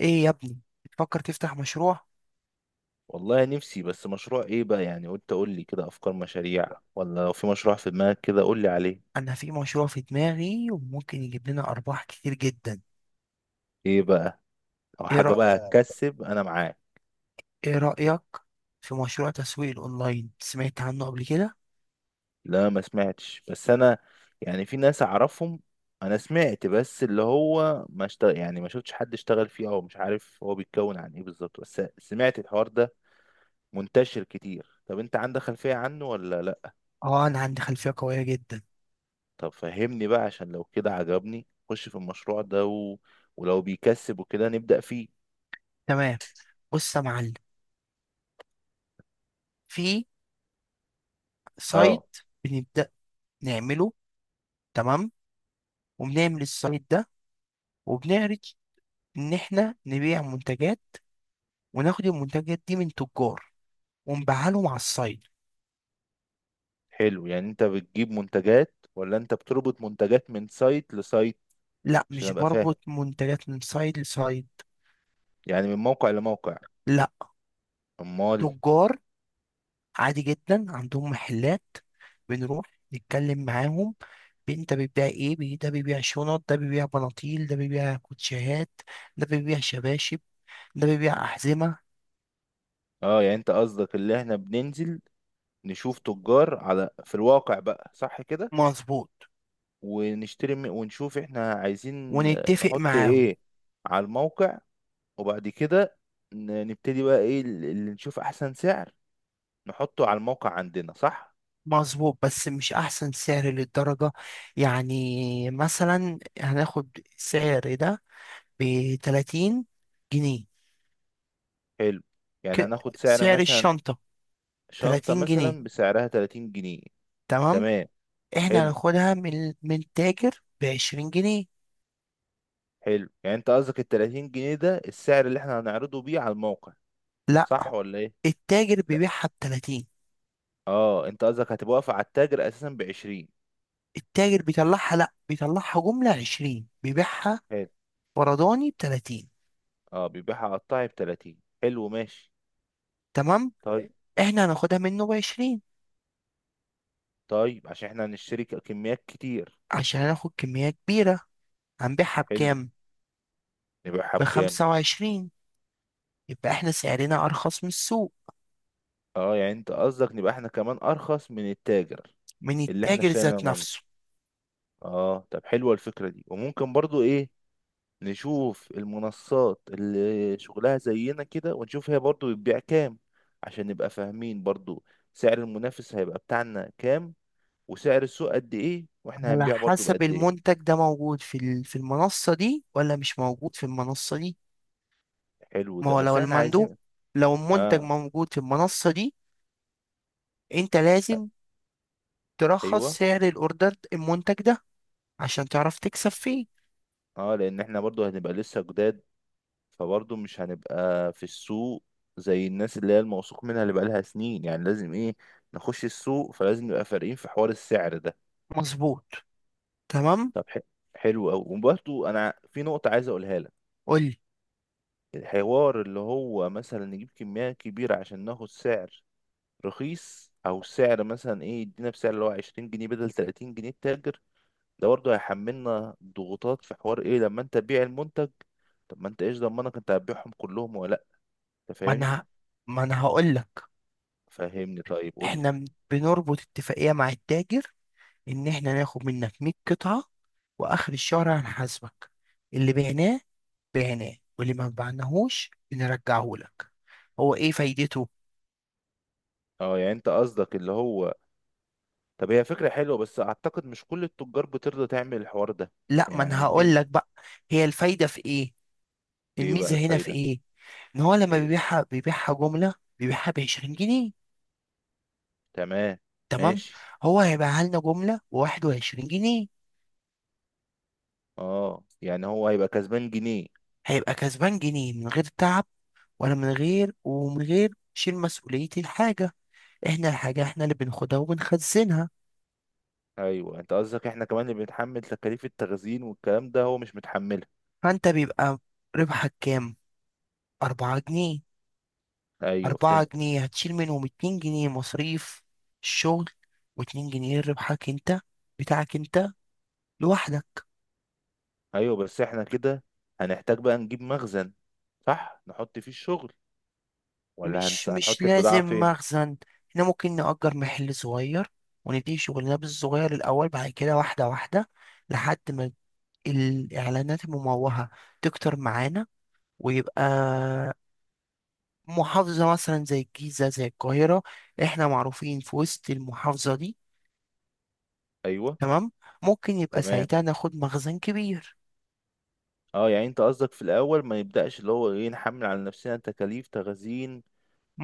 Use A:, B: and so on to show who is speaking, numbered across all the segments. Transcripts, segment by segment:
A: ايه يا ابني؟ بتفكر تفتح مشروع؟
B: والله نفسي، بس مشروع ايه بقى؟ يعني قلت اقول لي كده افكار مشاريع، ولا لو في مشروع في دماغك كده قول لي عليه.
A: انا في مشروع في دماغي وممكن يجيب لنا ارباح كتير جدا.
B: ايه بقى؟ او
A: ايه
B: حاجه
A: رأ...
B: بقى هتكسب انا معاك.
A: ايه رأيك في مشروع تسويق الاونلاين؟ سمعت عنه قبل كده؟
B: لا ما سمعتش، بس انا يعني في ناس اعرفهم. انا سمعت بس، اللي هو ما اشتغل، يعني ما شفتش حد اشتغل فيه، او مش عارف هو بيتكون عن ايه بالظبط، بس سمعت الحوار ده منتشر كتير. طب انت عندك خلفيه عنه ولا لا؟
A: اه انا عندي خلفية قوية جدا.
B: طب فهمني بقى عشان لو كده عجبني خش في المشروع ده ولو بيكسب وكده نبدأ فيه.
A: تمام. بص يا معلم، في سايت
B: اه،
A: بنبدأ نعمله. تمام. وبنعمل السايت ده وبنعرض ان احنا نبيع منتجات، وناخد المنتجات دي من تجار ونبيعها لهم على السايت.
B: حلو. يعني انت بتجيب منتجات ولا انت بتربط منتجات من سايت لسايت؟
A: لا،
B: عشان
A: مش
B: ابقى فاهم،
A: بربط منتجات من سايت لسايت.
B: يعني من موقع لموقع.
A: لا،
B: امال؟
A: تجار عادي جدا عندهم محلات. بنروح نتكلم معاهم: انت بتبيع ايه؟ ده بيبيع شنط، ده بيبيع بناطيل، ده بيبيع كوتشيهات، ده بيبيع شباشب، ده بيبيع أحزمة.
B: اه يعني انت قصدك اللي احنا بننزل نشوف تجار على في الواقع بقى، صح كده؟
A: مظبوط.
B: ونشوف احنا عايزين،
A: ونتفق
B: نحط
A: معاهم.
B: ايه على الموقع. وبعد كده نبتدي بقى ايه، اللي نشوف احسن سعر نحطه على الموقع عندنا، صح؟
A: مظبوط بس مش أحسن سعر للدرجة. يعني مثلا هناخد سعر ده بتلاتين جنيه.
B: حلو، يعني
A: ك-
B: هناخد سعر
A: سعر
B: مثلا
A: الشنطة.
B: شنطة
A: تلاتين جنيه.
B: مثلا بسعرها 30 جنيه.
A: تمام.
B: تمام.
A: احنا
B: حلو
A: هناخدها من التاجر بعشرين جنيه.
B: حلو، يعني انت قصدك ال 30 جنيه ده السعر اللي احنا هنعرضه بيه على الموقع،
A: لا،
B: صح ولا ايه؟
A: التاجر
B: لا،
A: بيبيعها ب 30.
B: اه انت قصدك هتبقى واقفة على التاجر اساسا ب 20.
A: التاجر بيطلعها، لا بيطلعها جملة 20، بيبيعها
B: حلو.
A: فرداني ب 30.
B: اه، بيبيعها قطعي ب 30. حلو ماشي.
A: تمام.
B: طيب.
A: احنا هناخدها منه ب 20
B: طيب، عشان احنا هنشتري كميات كتير.
A: عشان هناخد كمية كبيرة. هنبيعها
B: حلو،
A: بكام؟
B: نبيعها
A: ب
B: بكام؟
A: 25. يبقى احنا سعرنا ارخص من السوق.
B: اه يعني انت قصدك نبقى احنا كمان ارخص من التاجر
A: من
B: اللي احنا
A: التاجر
B: اشترينا
A: ذات
B: منه.
A: نفسه.
B: اه، طب حلوة الفكرة دي، وممكن برضو ايه، نشوف المنصات اللي شغلها زينا كده، ونشوف هي برضو بتبيع كام عشان نبقى فاهمين برضو سعر المنافس هيبقى بتاعنا كام، وسعر السوق قد ايه، واحنا
A: على
B: هنبيع برضو
A: حسب
B: بقد ايه.
A: المنتج ده موجود في في المنصة دي ولا مش موجود في المنصة دي.
B: حلو
A: ما
B: ده،
A: هو
B: بس
A: لو
B: احنا
A: المندوب،
B: عايزين.
A: لو المنتج
B: اه.
A: موجود في المنصة دي، انت لازم ترخص
B: ايوه.
A: سعر الاوردر المنتج ده عشان تعرف تكسب فيه.
B: اه، لان احنا برضو هنبقى لسه جداد، فبرضو مش هنبقى في السوق زي الناس اللي هي الموثوق منها اللي بقالها سنين. يعني لازم ايه، نخش السوق، فلازم نبقى فارقين في حوار السعر ده.
A: مظبوط. تمام.
B: طب ح- حلو قوي. وبرضو انا في نقطة عايز اقولها لك.
A: قول لي.
B: الحوار اللي هو مثلا نجيب كمية كبيرة عشان ناخد سعر رخيص، أو سعر مثلا إيه، يدينا بسعر اللي هو عشرين جنيه بدل تلاتين جنيه التاجر، ده برضه هيحملنا ضغوطات في حوار إيه لما أنت تبيع المنتج. طب ما أنت إيش ضمنك أنت هتبيعهم كلهم ولا لأ؟ أنت
A: ما
B: فاهمني؟
A: انا ما انا هقول لك.
B: فهمني طيب، قول لي.
A: احنا بنربط اتفاقية مع التاجر ان احنا ناخد منك 100 قطعة، واخر الشهر هنحاسبك. اللي بعناه بعناه، واللي ما بعناهوش بنرجعه لك. هو ايه فايدته؟
B: أه يعني أنت قصدك اللي هو، طب هي فكرة حلوة، بس أعتقد مش كل التجار بترضى تعمل الحوار ده.
A: لا، ما انا
B: يعني فين؟
A: هقول لك بقى. هي الفايدة في ايه؟
B: إيه بقى
A: الميزة هنا في
B: الفايدة؟
A: ايه؟ ان هو لما
B: إيه.
A: بيبيعها بيبيعها جملة، بيبيعها ب 20 جنيه.
B: تمام.
A: تمام.
B: ماشي.
A: هو هيبقى لنا جملة بواحد وعشرين جنيه.
B: أه يعني هو هيبقى كسبان جنيه.
A: هيبقى كسبان جنيه من غير تعب، ولا من غير ومن غير شيل مسؤولية الحاجة. احنا الحاجة احنا اللي بناخدها وبنخزنها.
B: ايوه، انت قصدك احنا كمان اللي بنتحمل تكاليف التخزين والكلام ده، هو مش متحملها.
A: فانت بيبقى ربحك كام؟ أربعة جنيه.
B: ايوه
A: أربعة
B: فهمت.
A: جنيه هتشيل منهم اتنين جنيه مصاريف الشغل، واتنين جنيه ربحك انت، بتاعك انت لوحدك.
B: ايوه، بس احنا كده هنحتاج بقى نجيب مخزن، صح، نحط فيه الشغل، ولا
A: مش مش
B: هنحط البضاعة
A: لازم
B: فين؟
A: مخزن. احنا ممكن نأجر محل صغير ونديه شغلنا بالصغير الأول، بعد كده واحدة واحدة لحد ما الإعلانات المموهة تكتر معانا، ويبقى محافظة مثلا زي الجيزة زي القاهرة احنا معروفين في وسط المحافظة دي.
B: ايوه.
A: تمام. ممكن يبقى
B: تمام.
A: ساعتها ناخد مخزن كبير.
B: اه يعني انت قصدك في الاول ما نبدأش اللي هو ايه، نحمل على نفسنا تكاليف تخزين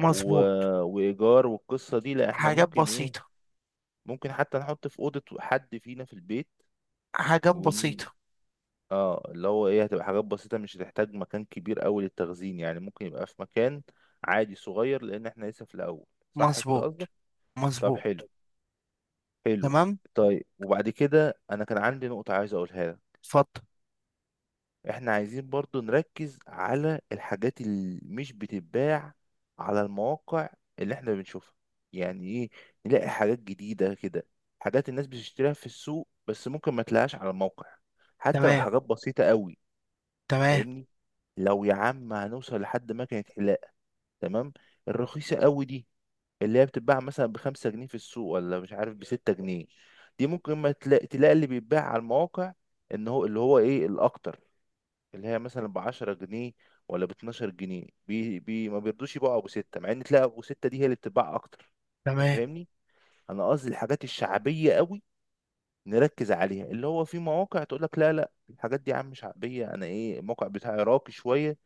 B: و... وايجار والقصة دي، لا احنا
A: حاجات
B: ممكن ايه،
A: بسيطة.
B: ممكن حتى نحط في أوضة حد فينا في البيت
A: حاجات
B: ون...
A: بسيطة.
B: اه اللي هو ايه، هتبقى حاجات بسيطة، مش هتحتاج مكان كبير قوي للتخزين، يعني ممكن يبقى في مكان عادي صغير، لان احنا لسه في الاول، صح كده قصدك؟
A: مظبوط.
B: طب
A: مظبوط.
B: حلو. حلو.
A: تمام.
B: طيب، وبعد كده انا كان عندي نقطة عايز اقولها لك.
A: اتفضل.
B: احنا عايزين برضو نركز على الحاجات اللي مش بتتباع على المواقع اللي احنا بنشوفها. يعني ايه، نلاقي حاجات جديدة كده، حاجات الناس بتشتريها في السوق، بس ممكن ما تلاقيهاش على الموقع، حتى لو
A: تمام.
B: حاجات بسيطة قوي.
A: تمام.
B: فاهمني؟ لو يا عم هنوصل لحد مكنة حلاقة، تمام، الرخيصة قوي دي اللي هي بتتباع مثلا بخمسة جنيه في السوق ولا مش عارف بستة جنيه. دي ممكن ما تلاقي, تلاقي اللي بيتباع على المواقع ان هو اللي هو ايه الاكتر، اللي هي مثلا بعشرة جنيه ولا باتناشر جنيه، بي بي ما بيرضوش يبيعوا ابو ستة، مع ان تلاقي ابو ستة دي هي اللي بتتباع اكتر. انت
A: تمام.
B: فاهمني؟ انا قصدي الحاجات الشعبية قوي نركز عليها، اللي هو في مواقع تقول لك لا لا، الحاجات دي يا عم شعبية، انا ايه، الموقع بتاعي راقي شوية،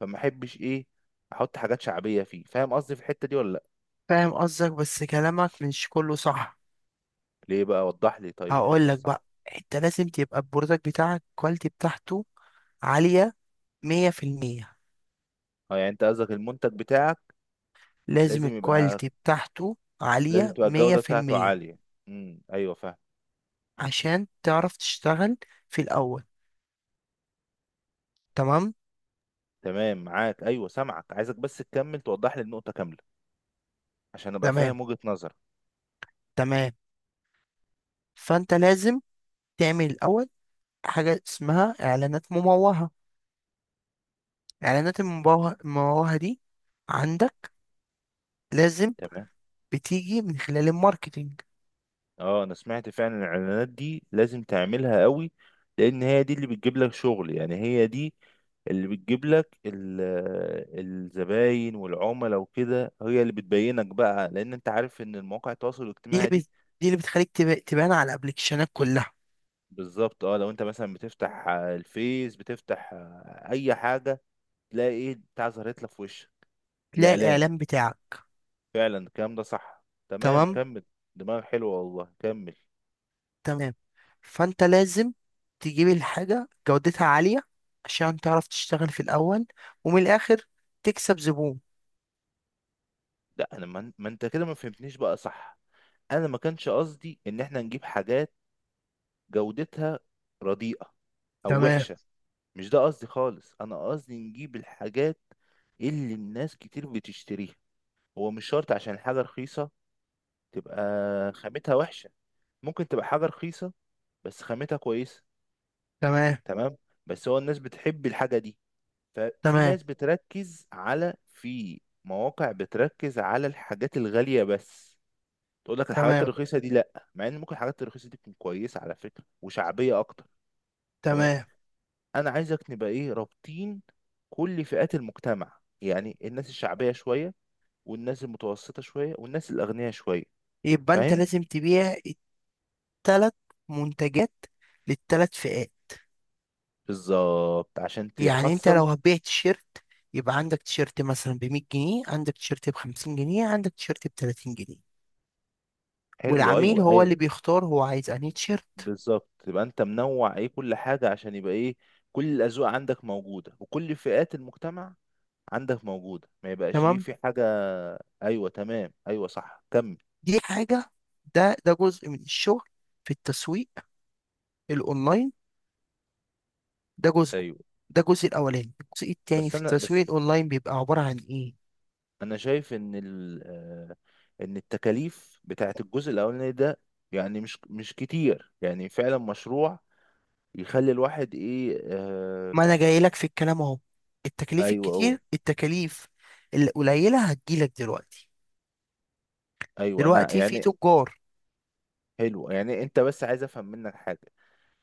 B: فما احبش ايه، احط حاجات شعبيه فيه. فاهم قصدي في الحته دي ولا لا؟
A: فاهم قصدك بس كلامك مش كله صح.
B: ليه بقى؟ وضح لي طيب
A: هقول
B: الحته
A: لك
B: الصح.
A: بقى. انت لازم تبقى البرودكت بتاعك الكواليتي بتاعته عالية مية في المية.
B: اه يعني انت قصدك المنتج بتاعك
A: لازم
B: لازم يبقى،
A: الكواليتي بتاعته
B: لازم
A: عالية
B: تبقى
A: مية
B: الجوده
A: في
B: بتاعته
A: المية
B: عاليه. ايوه فاهم.
A: عشان تعرف تشتغل في الأول. تمام.
B: تمام معاك، ايوه سامعك، عايزك بس تكمل توضح لي النقطه كامله عشان ابقى
A: تمام.
B: فاهم وجهه نظرك.
A: تمام. فأنت لازم تعمل الأول حاجة اسمها إعلانات مموهة. إعلانات المموهة المموهة دي عندك لازم بتيجي من خلال الماركتينج.
B: اه انا سمعت فعلا، الاعلانات دي لازم تعملها قوي، لان هي دي اللي بتجيب لك شغل، يعني هي دي اللي بتجيب لك الزباين والعملاء وكده، هي اللي بتبينك بقى، لان انت عارف ان المواقع التواصل
A: دي اللي
B: الاجتماعي دي
A: بت... دي اللي بتخليك تبان على الابلكيشنات كلها.
B: بالظبط. اه، لو انت مثلا بتفتح الفيس، بتفتح اي حاجة، تلاقي ايه بتاع ظهرت لك في وشك،
A: تلاقي
B: الاعلان.
A: الاعلان بتاعك.
B: فعلا الكلام ده صح. تمام
A: تمام.
B: كمل. دماغ حلوة والله، كمل.
A: تمام. فانت لازم تجيب الحاجه جودتها عاليه عشان تعرف تشتغل في الاول، ومن الاخر تكسب زبون.
B: لا انا ما انت كده ما فهمتنيش بقى صح. انا ما كانش قصدي ان احنا نجيب حاجات جودتها رديئة او
A: تمام.
B: وحشة. مش ده قصدي خالص. انا قصدي نجيب الحاجات اللي الناس كتير بتشتريها. هو مش شرط عشان حاجة رخيصة تبقى خامتها وحشة، ممكن تبقى حاجة رخيصة بس خامتها كويسة.
A: تمام.
B: تمام. بس هو الناس بتحب الحاجة دي. ففي
A: تمام.
B: ناس بتركز على، في مواقع بتركز على الحاجات الغالية بس، تقول لك الحاجات
A: تمام.
B: الرخيصة دي لا، مع ان ممكن الحاجات الرخيصة دي تكون كويسة على فكرة، وشعبية اكتر. تمام.
A: تمام.
B: انا عايزك نبقى ايه رابطين كل فئات المجتمع، يعني الناس الشعبيه شويه، والناس المتوسطه شويه، والناس الاغنياء شويه.
A: يبقى انت
B: فاهم؟
A: لازم تبيع التلات منتجات للتلات فئات.
B: بالظبط عشان
A: يعني انت لو
B: تحصل.
A: هتبيع تيشيرت، يبقى عندك تيشيرت مثلا ب 100 جنيه، عندك تيشيرت ب 50 جنيه، عندك تيشيرت ب 30 جنيه،
B: حلو
A: والعميل
B: ايوه،
A: هو
B: ايه.
A: اللي بيختار هو عايز انهي تيشيرت.
B: بالظبط، تبقى انت منوع ايه كل حاجه، عشان يبقى ايه، كل الاذواق عندك موجوده، وكل فئات المجتمع عندك موجوده، ما يبقاش ايه
A: تمام.
B: في حاجه. ايوه تمام، ايوه صح، كمل.
A: دي حاجة. ده جزء من الشغل في التسويق الأونلاين. ده جزء.
B: ايوه.
A: ده الجزء الأولاني. الجزء التاني
B: بس
A: في
B: انا
A: التسويق
B: بس
A: الأونلاين بيبقى عبارة عن إيه؟
B: انا شايف ان ال آه، ان التكاليف بتاعت الجزء الاولاني ده يعني مش كتير، يعني فعلا مشروع يخلي الواحد ايه، آه.
A: ما أنا جاي لك في الكلام أهو. التكاليف
B: ايوه اهو.
A: الكتير، التكاليف القليلة هتجيلك دلوقتي.
B: ايوه انا
A: دلوقتي في
B: يعني.
A: تجار.
B: حلو، يعني انت بس عايز افهم منك حاجه.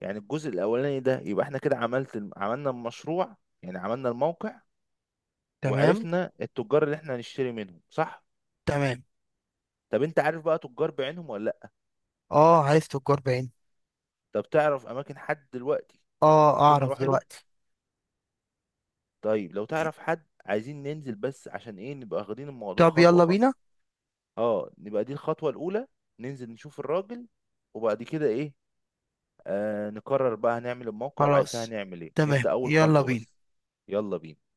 B: يعني الجزء الاولاني ده يبقى احنا كده عملنا المشروع، يعني عملنا الموقع،
A: تمام.
B: وعرفنا التجار اللي احنا هنشتري منهم، صح.
A: تمام.
B: طب انت عارف بقى تجار بعينهم ولا لا؟
A: اه عارف تجار بعين.
B: طب تعرف اماكن حد دلوقتي
A: اه
B: ممكن
A: أعرف
B: نروح له؟
A: دلوقتي.
B: طيب، لو تعرف حد عايزين ننزل، بس عشان ايه نبقى واخدين الموضوع
A: طب
B: خطوة
A: يلا
B: خطوة.
A: بينا.
B: اه نبقى دي الخطوة الأولى، ننزل نشوف الراجل، وبعد كده ايه، آه نقرر بقى هنعمل الموقع، وبعد كده
A: خلاص،
B: هنعمل ايه.
A: تمام،
B: نبدأ أول
A: يلا
B: خطوة بس.
A: بينا.
B: يلا بينا.